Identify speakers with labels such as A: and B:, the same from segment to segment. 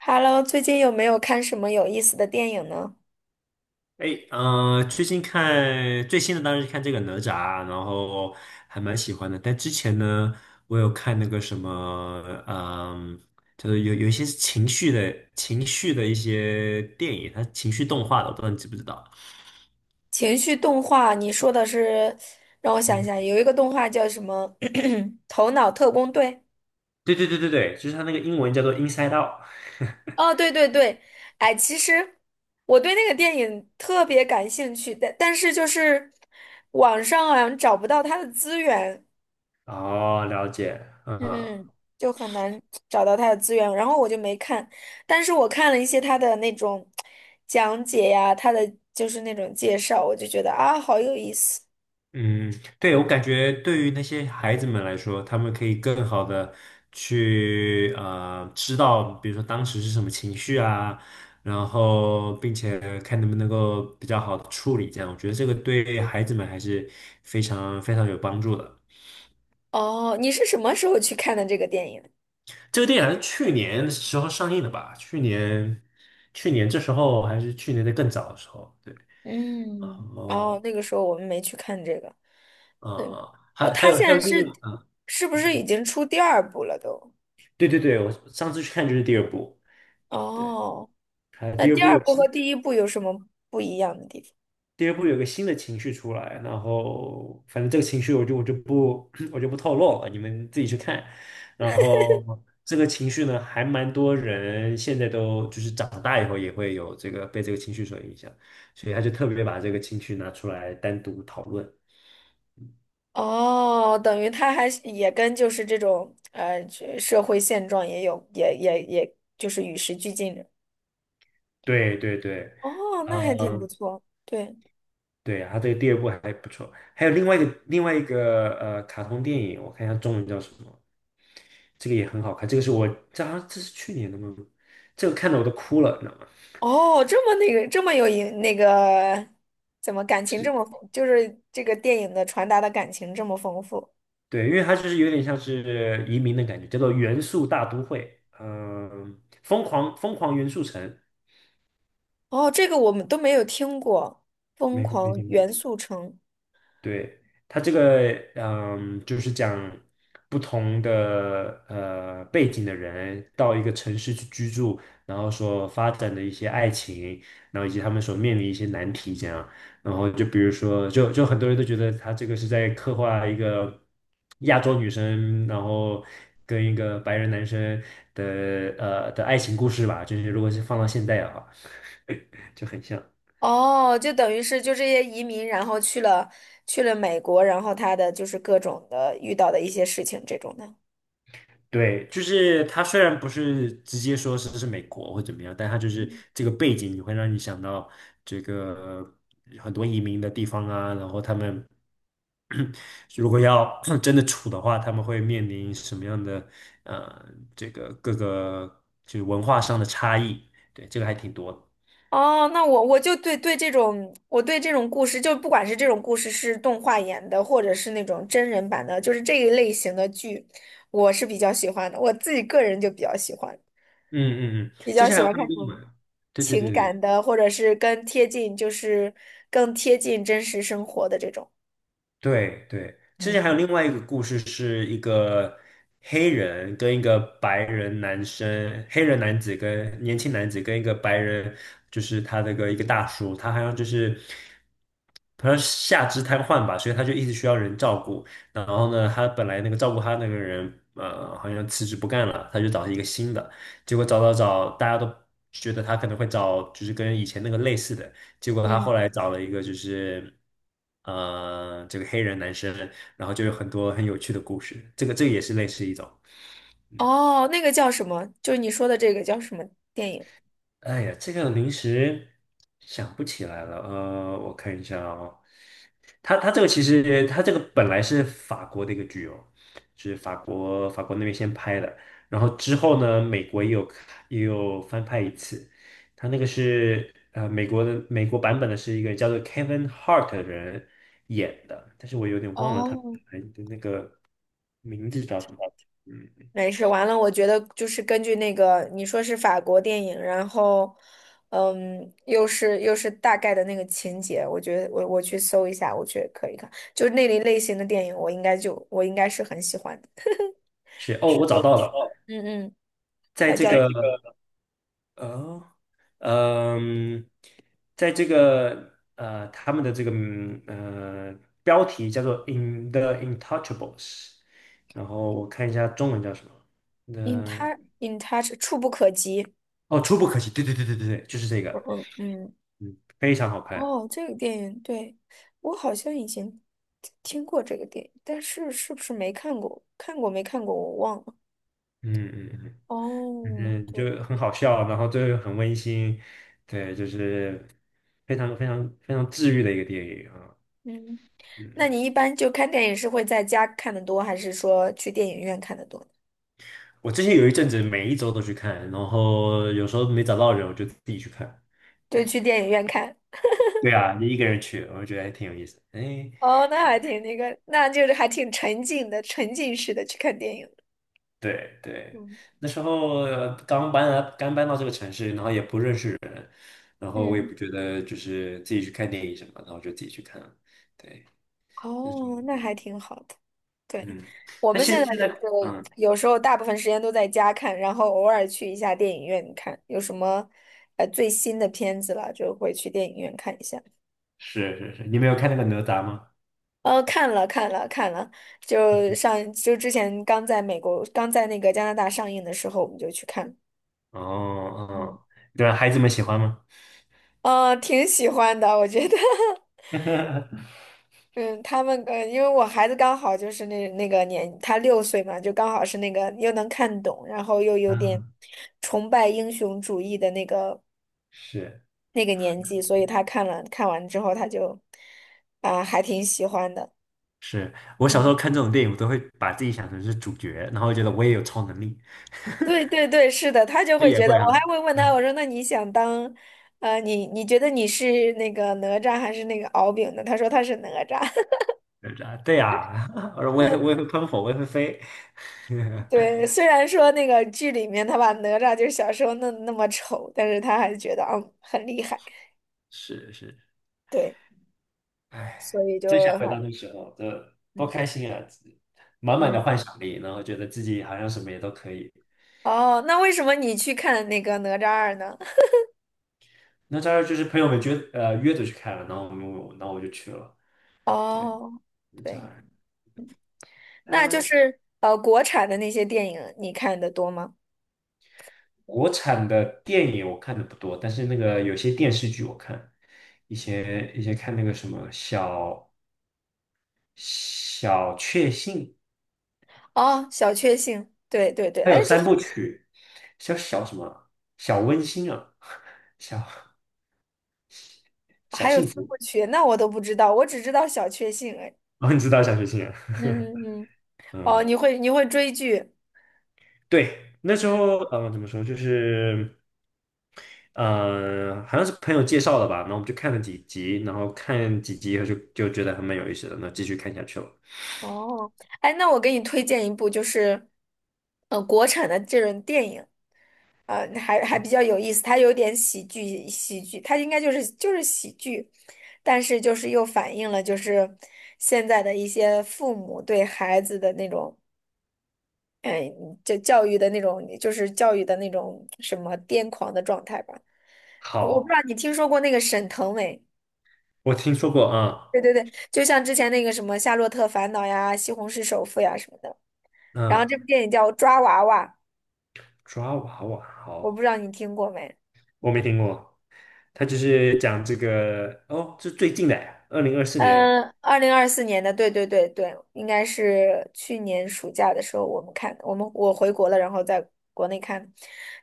A: Hello，最近有没有看什么有意思的电影呢？
B: 哎，最近看最新的当然是看这个哪吒，然后还蛮喜欢的。但之前呢，我有看那个什么，就是有一些是情绪的一些电影，它情绪动画的，我不知道你知不知道？
A: 情绪动画，你说的是，让我想一下，有一个动画叫什么？头脑特工队。
B: 对对对对对，就是它那个英文叫做《Inside Out》。
A: 哦，对对对，哎，其实我对那个电影特别感兴趣，但是就是网上好像找不到它的资源，
B: 哦，了解，嗯。
A: 嗯嗯，就很难找到它的资源，然后我就没看，但是我看了一些它的那种讲解呀，它的就是那种介绍，我就觉得啊，好有意思。
B: 嗯，对，我感觉对于那些孩子们来说，他们可以更好的去知道，比如说当时是什么情绪啊，然后并且看能不能够比较好的处理这样，我觉得这个对孩子们还是非常非常有帮助的。
A: 哦，你是什么时候去看的这个电影？
B: 这个电影好像去年的时候上映的吧？去年这时候还是去年的更早的时候，对，然
A: 嗯，哦，
B: 后
A: 那个时候我们没去看这个。
B: 啊
A: 嗯，
B: 啊，
A: 哦，
B: 还还
A: 他
B: 有还
A: 现
B: 有
A: 在是
B: 另一个啊，
A: 是不是已经出第二部了都？
B: 对对对，我上次去看就是第二部。对。
A: 哦，
B: 还
A: 那
B: 第二
A: 第
B: 部
A: 二
B: 有
A: 部
B: 新，
A: 和第一部有什么不一样的地方？
B: 第二部有个新的情绪出来，然后反正这个情绪我就我就不 我就不透露了，你们自己去看。然后这个情绪呢，还蛮多人现在都就是长大以后也会有这个被这个情绪所影响，所以他就特别把这个情绪拿出来单独讨论。
A: 哦，等于他还是也跟就是这种这社会现状也有也就是与时俱进的。
B: 对对对，
A: 哦，那还挺不
B: 嗯。
A: 错。对。
B: 对呀，他这个第二部还不错，还有另外一个卡通电影，我看一下中文叫什么，这个也很好看，这个是我这好像这是去年的吗？这个看的我都哭了，你知道吗？
A: 哦，这么那个，这么有影那个，怎么感情
B: 是，
A: 这么丰就是这个电影的传达的感情这么丰富。
B: 对，因为它就是有点像是移民的感觉，叫做《元素大都会》，疯狂元素城，
A: 哦，这个我们都没有听过，《疯
B: 美国移
A: 狂
B: 民。
A: 元素城》。
B: 对，他这个，就是讲不同的背景的人到一个城市去居住，然后所发展的一些爱情，然后以及他们所面临一些难题，这样。然后就比如说，就很多人都觉得他这个是在刻画一个亚洲女生，然后跟一个白人男生的的爱情故事吧，就是如果是放到现在的话，就很像。
A: 哦，就等于是就这些移民，然后去了美国，然后他的就是各种的遇到的一些事情这种的。
B: 对，就是他虽然不是直接说是美国或怎么样，但他就是这个背景，你会让你想到这个很多移民的地方啊，然后他们 如果要 真的处的话，他们会面临什么样的呃这个各个就是文化上的差异，对，这个还挺多的。
A: 哦，那我就对这种，我对这种故事，就不管是这种故事是动画演的，或者是那种真人版的，就是这一类型的剧，我是比较喜欢的。我自己个人就比较喜欢，
B: 嗯嗯嗯。
A: 比
B: 之
A: 较
B: 前
A: 喜
B: 还有
A: 欢
B: 看
A: 看
B: 过
A: 这
B: 英
A: 种
B: 文，对对对
A: 情
B: 对
A: 感
B: 对。
A: 的，或者是更贴近，就是更贴近真实生活的这种。
B: 对对，之
A: 嗯
B: 前还有
A: 嗯
B: 另外一个故事，是一个黑人跟一个白人男生，黑人男子跟年轻男子跟一个白人，就是他那个一个大叔，他好像就是好像下肢瘫痪吧，所以他就一直需要人照顾。然后呢，他本来那个照顾他那个人，好像辞职不干了，他就找一个新的，结果找找找，大家都觉得他可能会找就是跟以前那个类似的。结果他
A: 嗯。
B: 后来找了一个就是，这个黑人男生，然后就有很多很有趣的故事。这个也是类似一种。
A: 哦，那个叫什么？就是你说的这个叫什么电影？
B: 哎呀，这个临时想不起来了。我看一下哦，他这个其实他这个本来是法国的一个剧哦，就是法国那边先拍的，然后之后呢，美国也有翻拍一次。他那个是美国版本的是一个叫做 Kevin Hart 的人演的，但是我有点忘了他
A: 哦，
B: 本来的那个名字叫什么。嗯，
A: 没事，完了，我觉得就是根据那个你说是法国电影，然后，又是大概的那个情节，我觉得我去搜一下，我觉得可以看，就是那类型的电影，我应该是很喜欢的。
B: 是哦，
A: 是
B: 我
A: 哦，
B: 找
A: 我
B: 到
A: 找到
B: 了，
A: 了，
B: 在
A: 它
B: 这
A: 叫在
B: 个
A: 这个
B: 呃。哦嗯，在这个呃，他们的这个标题叫做《In the Intouchables》，然后我看一下中文叫什么。
A: 《In
B: 那、
A: Touch In Touch》，触不可及。
B: 哦，《触不可及》，对对对对对对，就是这个，
A: 嗯嗯，
B: 嗯，非常好看，
A: 哦，这个电影，对，我好像以前听过这个电影，但是是不是没看过？看过没看过？我忘了。
B: 嗯嗯嗯，
A: 哦，
B: 嗯，
A: 对。
B: 就很好笑，然后最后很温馨，对，就是非常非常非常治愈的一个电影啊，
A: 嗯，那
B: 嗯。
A: 你一般就看电影是会在家看的多，还是说去电影院看的多？
B: 我之前有一阵子每一周都去看，然后有时候没找到人，我就自己去看。
A: 就
B: 对
A: 去电影院看。
B: 对啊，你一个人去，我觉得还挺有意思。哎，
A: 哦，那还挺那个，那就是还挺沉浸的，沉浸式的去看电影。
B: 对对，
A: 嗯，
B: 那时候刚搬来，刚搬到这个城市，然后也不认识人，然后我也
A: 嗯，
B: 不觉得就是自己去看电影什么，然后就自己去看了。对，那是。
A: 哦，那还挺好的。对，
B: 嗯，
A: 我
B: 但
A: 们现在
B: 现现
A: 就
B: 在
A: 是
B: 嗯，
A: 有时候大部分时间都在家看，然后偶尔去一下电影院看，有什么最新的片子了，就会去电影院看一下。
B: 是是是，你没有看那个哪吒吗？
A: 哦，看了看了看了，就之前刚在美国，刚在那个加拿大上映的时候，我们就去看，
B: 哦哦，对啊孩子们喜欢吗？
A: 挺喜欢的，我觉得，嗯，他们因为我孩子刚好就是那那个年，他6岁嘛，就刚好是那个又能看懂，然后又有点
B: 啊，
A: 崇拜英雄主义的那个
B: 是。
A: 那个年纪，所以他看完之后，他就还挺喜欢的。
B: 是我小时
A: 嗯。
B: 候看这种电影，我都会把自己想成是主角，然后觉得我也有超能力，
A: 对对对，是的，他就
B: 我
A: 会
B: 也
A: 觉得，
B: 会
A: 我还
B: 啊，
A: 会问他，我说那你想当，你觉得你是那个哪吒还是那个敖丙呢？他说他是哪吒。
B: 对啊，对啊，我说我也
A: 嗯，
B: 会我也会喷火，我也会飞，
A: 对，虽然说那个剧里面他把哪吒就是小时候弄那么丑，但是他还觉得很厉害，
B: 是是，
A: 对，所
B: 哎，
A: 以就
B: 真想回到
A: 还，
B: 那时候，这多
A: 嗯
B: 开心啊！满满的
A: 嗯，
B: 幻想力，然后觉得自己好像什么也都可以。
A: 哦，那为什么你去看那个哪吒二呢？
B: 那当然就是朋友们约着去看了，然后我们我然后我就去了，对，
A: 哦，
B: 就这
A: 对，那就
B: 样。
A: 是国产的那些电影你看的多吗？
B: 国产的电影我看的不多，但是那个有些电视剧我看，以前看那个什么小小确幸，
A: 哦，小确幸，对对对，
B: 它有
A: 哎，这
B: 三部
A: 是。
B: 曲，小什么小温馨啊，小小
A: 还有
B: 幸
A: 三
B: 福，
A: 部曲，那我都不知道，我只知道小确幸。哎，
B: 哦，你知道小确幸啊，
A: 嗯嗯嗯，哦，
B: 嗯，
A: 你会追剧，
B: 对，那时
A: 嗯，
B: 候怎么说就是好像是朋友介绍的吧，然后我们就看了几集，然后看几集以后就觉得还蛮有意思的，那继续看下去了。
A: 哦，哎，那我给你推荐一部，就是国产的这种电影，还比
B: 哦
A: 较有意思，它有点喜剧，它应该就是喜剧，但是就是又反映了就是现在的一些父母对孩子的那种，哎，就是教育的那种什么癫狂的状态吧。我不知
B: 好，
A: 道你听说过那个沈腾没？
B: 我听说过啊。
A: 对对对，就像之前那个什么《夏洛特烦恼》呀，《西红柿首富》呀什么的。然后
B: 嗯，
A: 这部电影叫《抓娃娃》，
B: 抓娃娃，
A: 我不
B: 好，
A: 知道你听过没？
B: 我没听过。他就是讲这个，哦，是最近的，2024年。
A: 嗯，2024年的，对对对对，应该是去年暑假的时候我们看，我回国了，然后在国内看，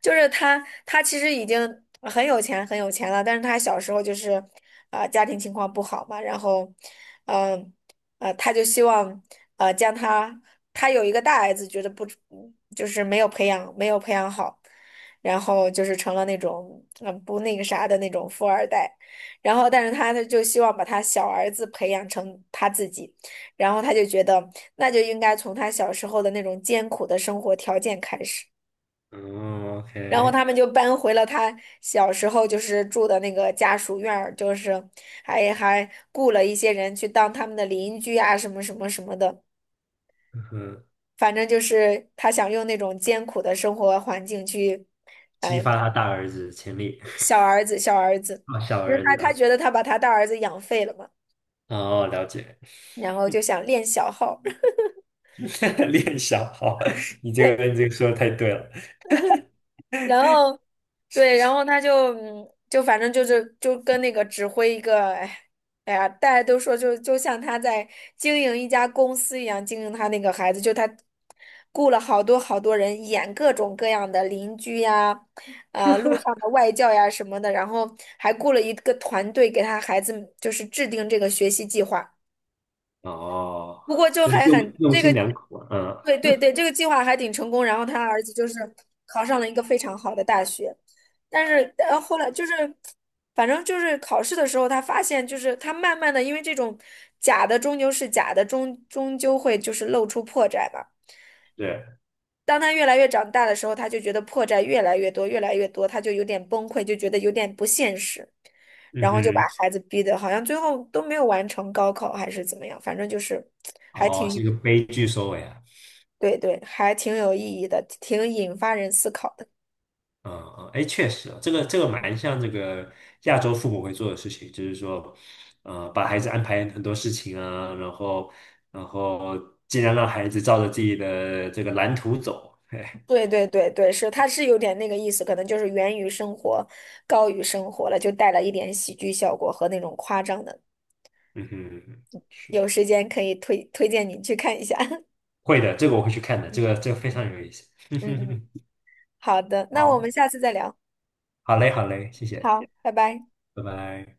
A: 就是他其实已经很有钱很有钱了，但是他小时候就是家庭情况不好嘛，然后嗯他就希望，呃将他他有一个大儿子，觉得不，就是没有培养好，然后就是成了那种不那个啥的那种富二代。然后，但是他呢就希望把他小儿子培养成他自己，然后他就觉得那就应该从他小时候的那种艰苦的生活条件开始。
B: 嗯
A: 然后他
B: ，OK，
A: 们就搬回了他小时候就是住的那个家属院儿，就是还雇了一些人去当他们的邻居啊，什么什么什么的。
B: 嗯哼，
A: 反正就是他想用那种艰苦的生活环境去，
B: 激发他大儿子的潜力，
A: 小儿子小儿子，
B: 啊，小
A: 因为
B: 儿
A: 他
B: 子
A: 他
B: 啊，
A: 觉得他把他大儿子养废了嘛，
B: 哦，了解，
A: 然后就想练小号儿。
B: 练小，好，你这个 你这个说的太对了。
A: 然后对，然后他就，就反正就是就跟那个指挥一个，哎，哎呀，大家都说就像他在经营一家公司一样经营他那个孩子，就他雇了好多好多人演各种各样的邻居呀，路上的外教呀什么的，然后还雇了一个团队给他孩子就是制定这个学习计划。
B: 哦，
A: 不过就
B: 那
A: 还
B: 用
A: 很
B: 用
A: 这个，
B: 心良苦啊，嗯，
A: 对对对，这个计划还挺成功。然后他儿子就是考上了一个非常好的大学，但是后来就是，反正就是考试的时候，他发现就是他慢慢的，因为这种假的终究是假的，终究会就是露出破绽嘛。
B: 对，
A: 当他越来越长大的时候，他就觉得破绽越来越多，越来越多，他就有点崩溃，就觉得有点不现实，
B: 嗯
A: 然后就把
B: 哼，
A: 孩子逼得好像最后都没有完成高考还是怎么样，反正就是 还
B: 哦，
A: 挺。
B: 是一个悲剧收尾啊。
A: 对对，还挺有意义的，挺引发人思考的。
B: 嗯嗯，哎，确实啊这个蛮像这个亚洲父母会做的事情，就是说，把孩子安排很多事情啊，然后尽量让孩子照着自己的这个蓝图走。嘿，
A: 对对对对，是，它是有点那个意思，可能就是源于生活，高于生活了，就带了一点喜剧效果和那种夸张的。
B: 嗯哼，是
A: 有时间可以推荐你去看一下。
B: 会的，这个我会去看的，这个非常有意思。
A: 嗯嗯，好的，那我
B: 好，
A: 们下次再聊。
B: 好嘞，好嘞，谢谢，
A: 好，拜拜。
B: 拜拜。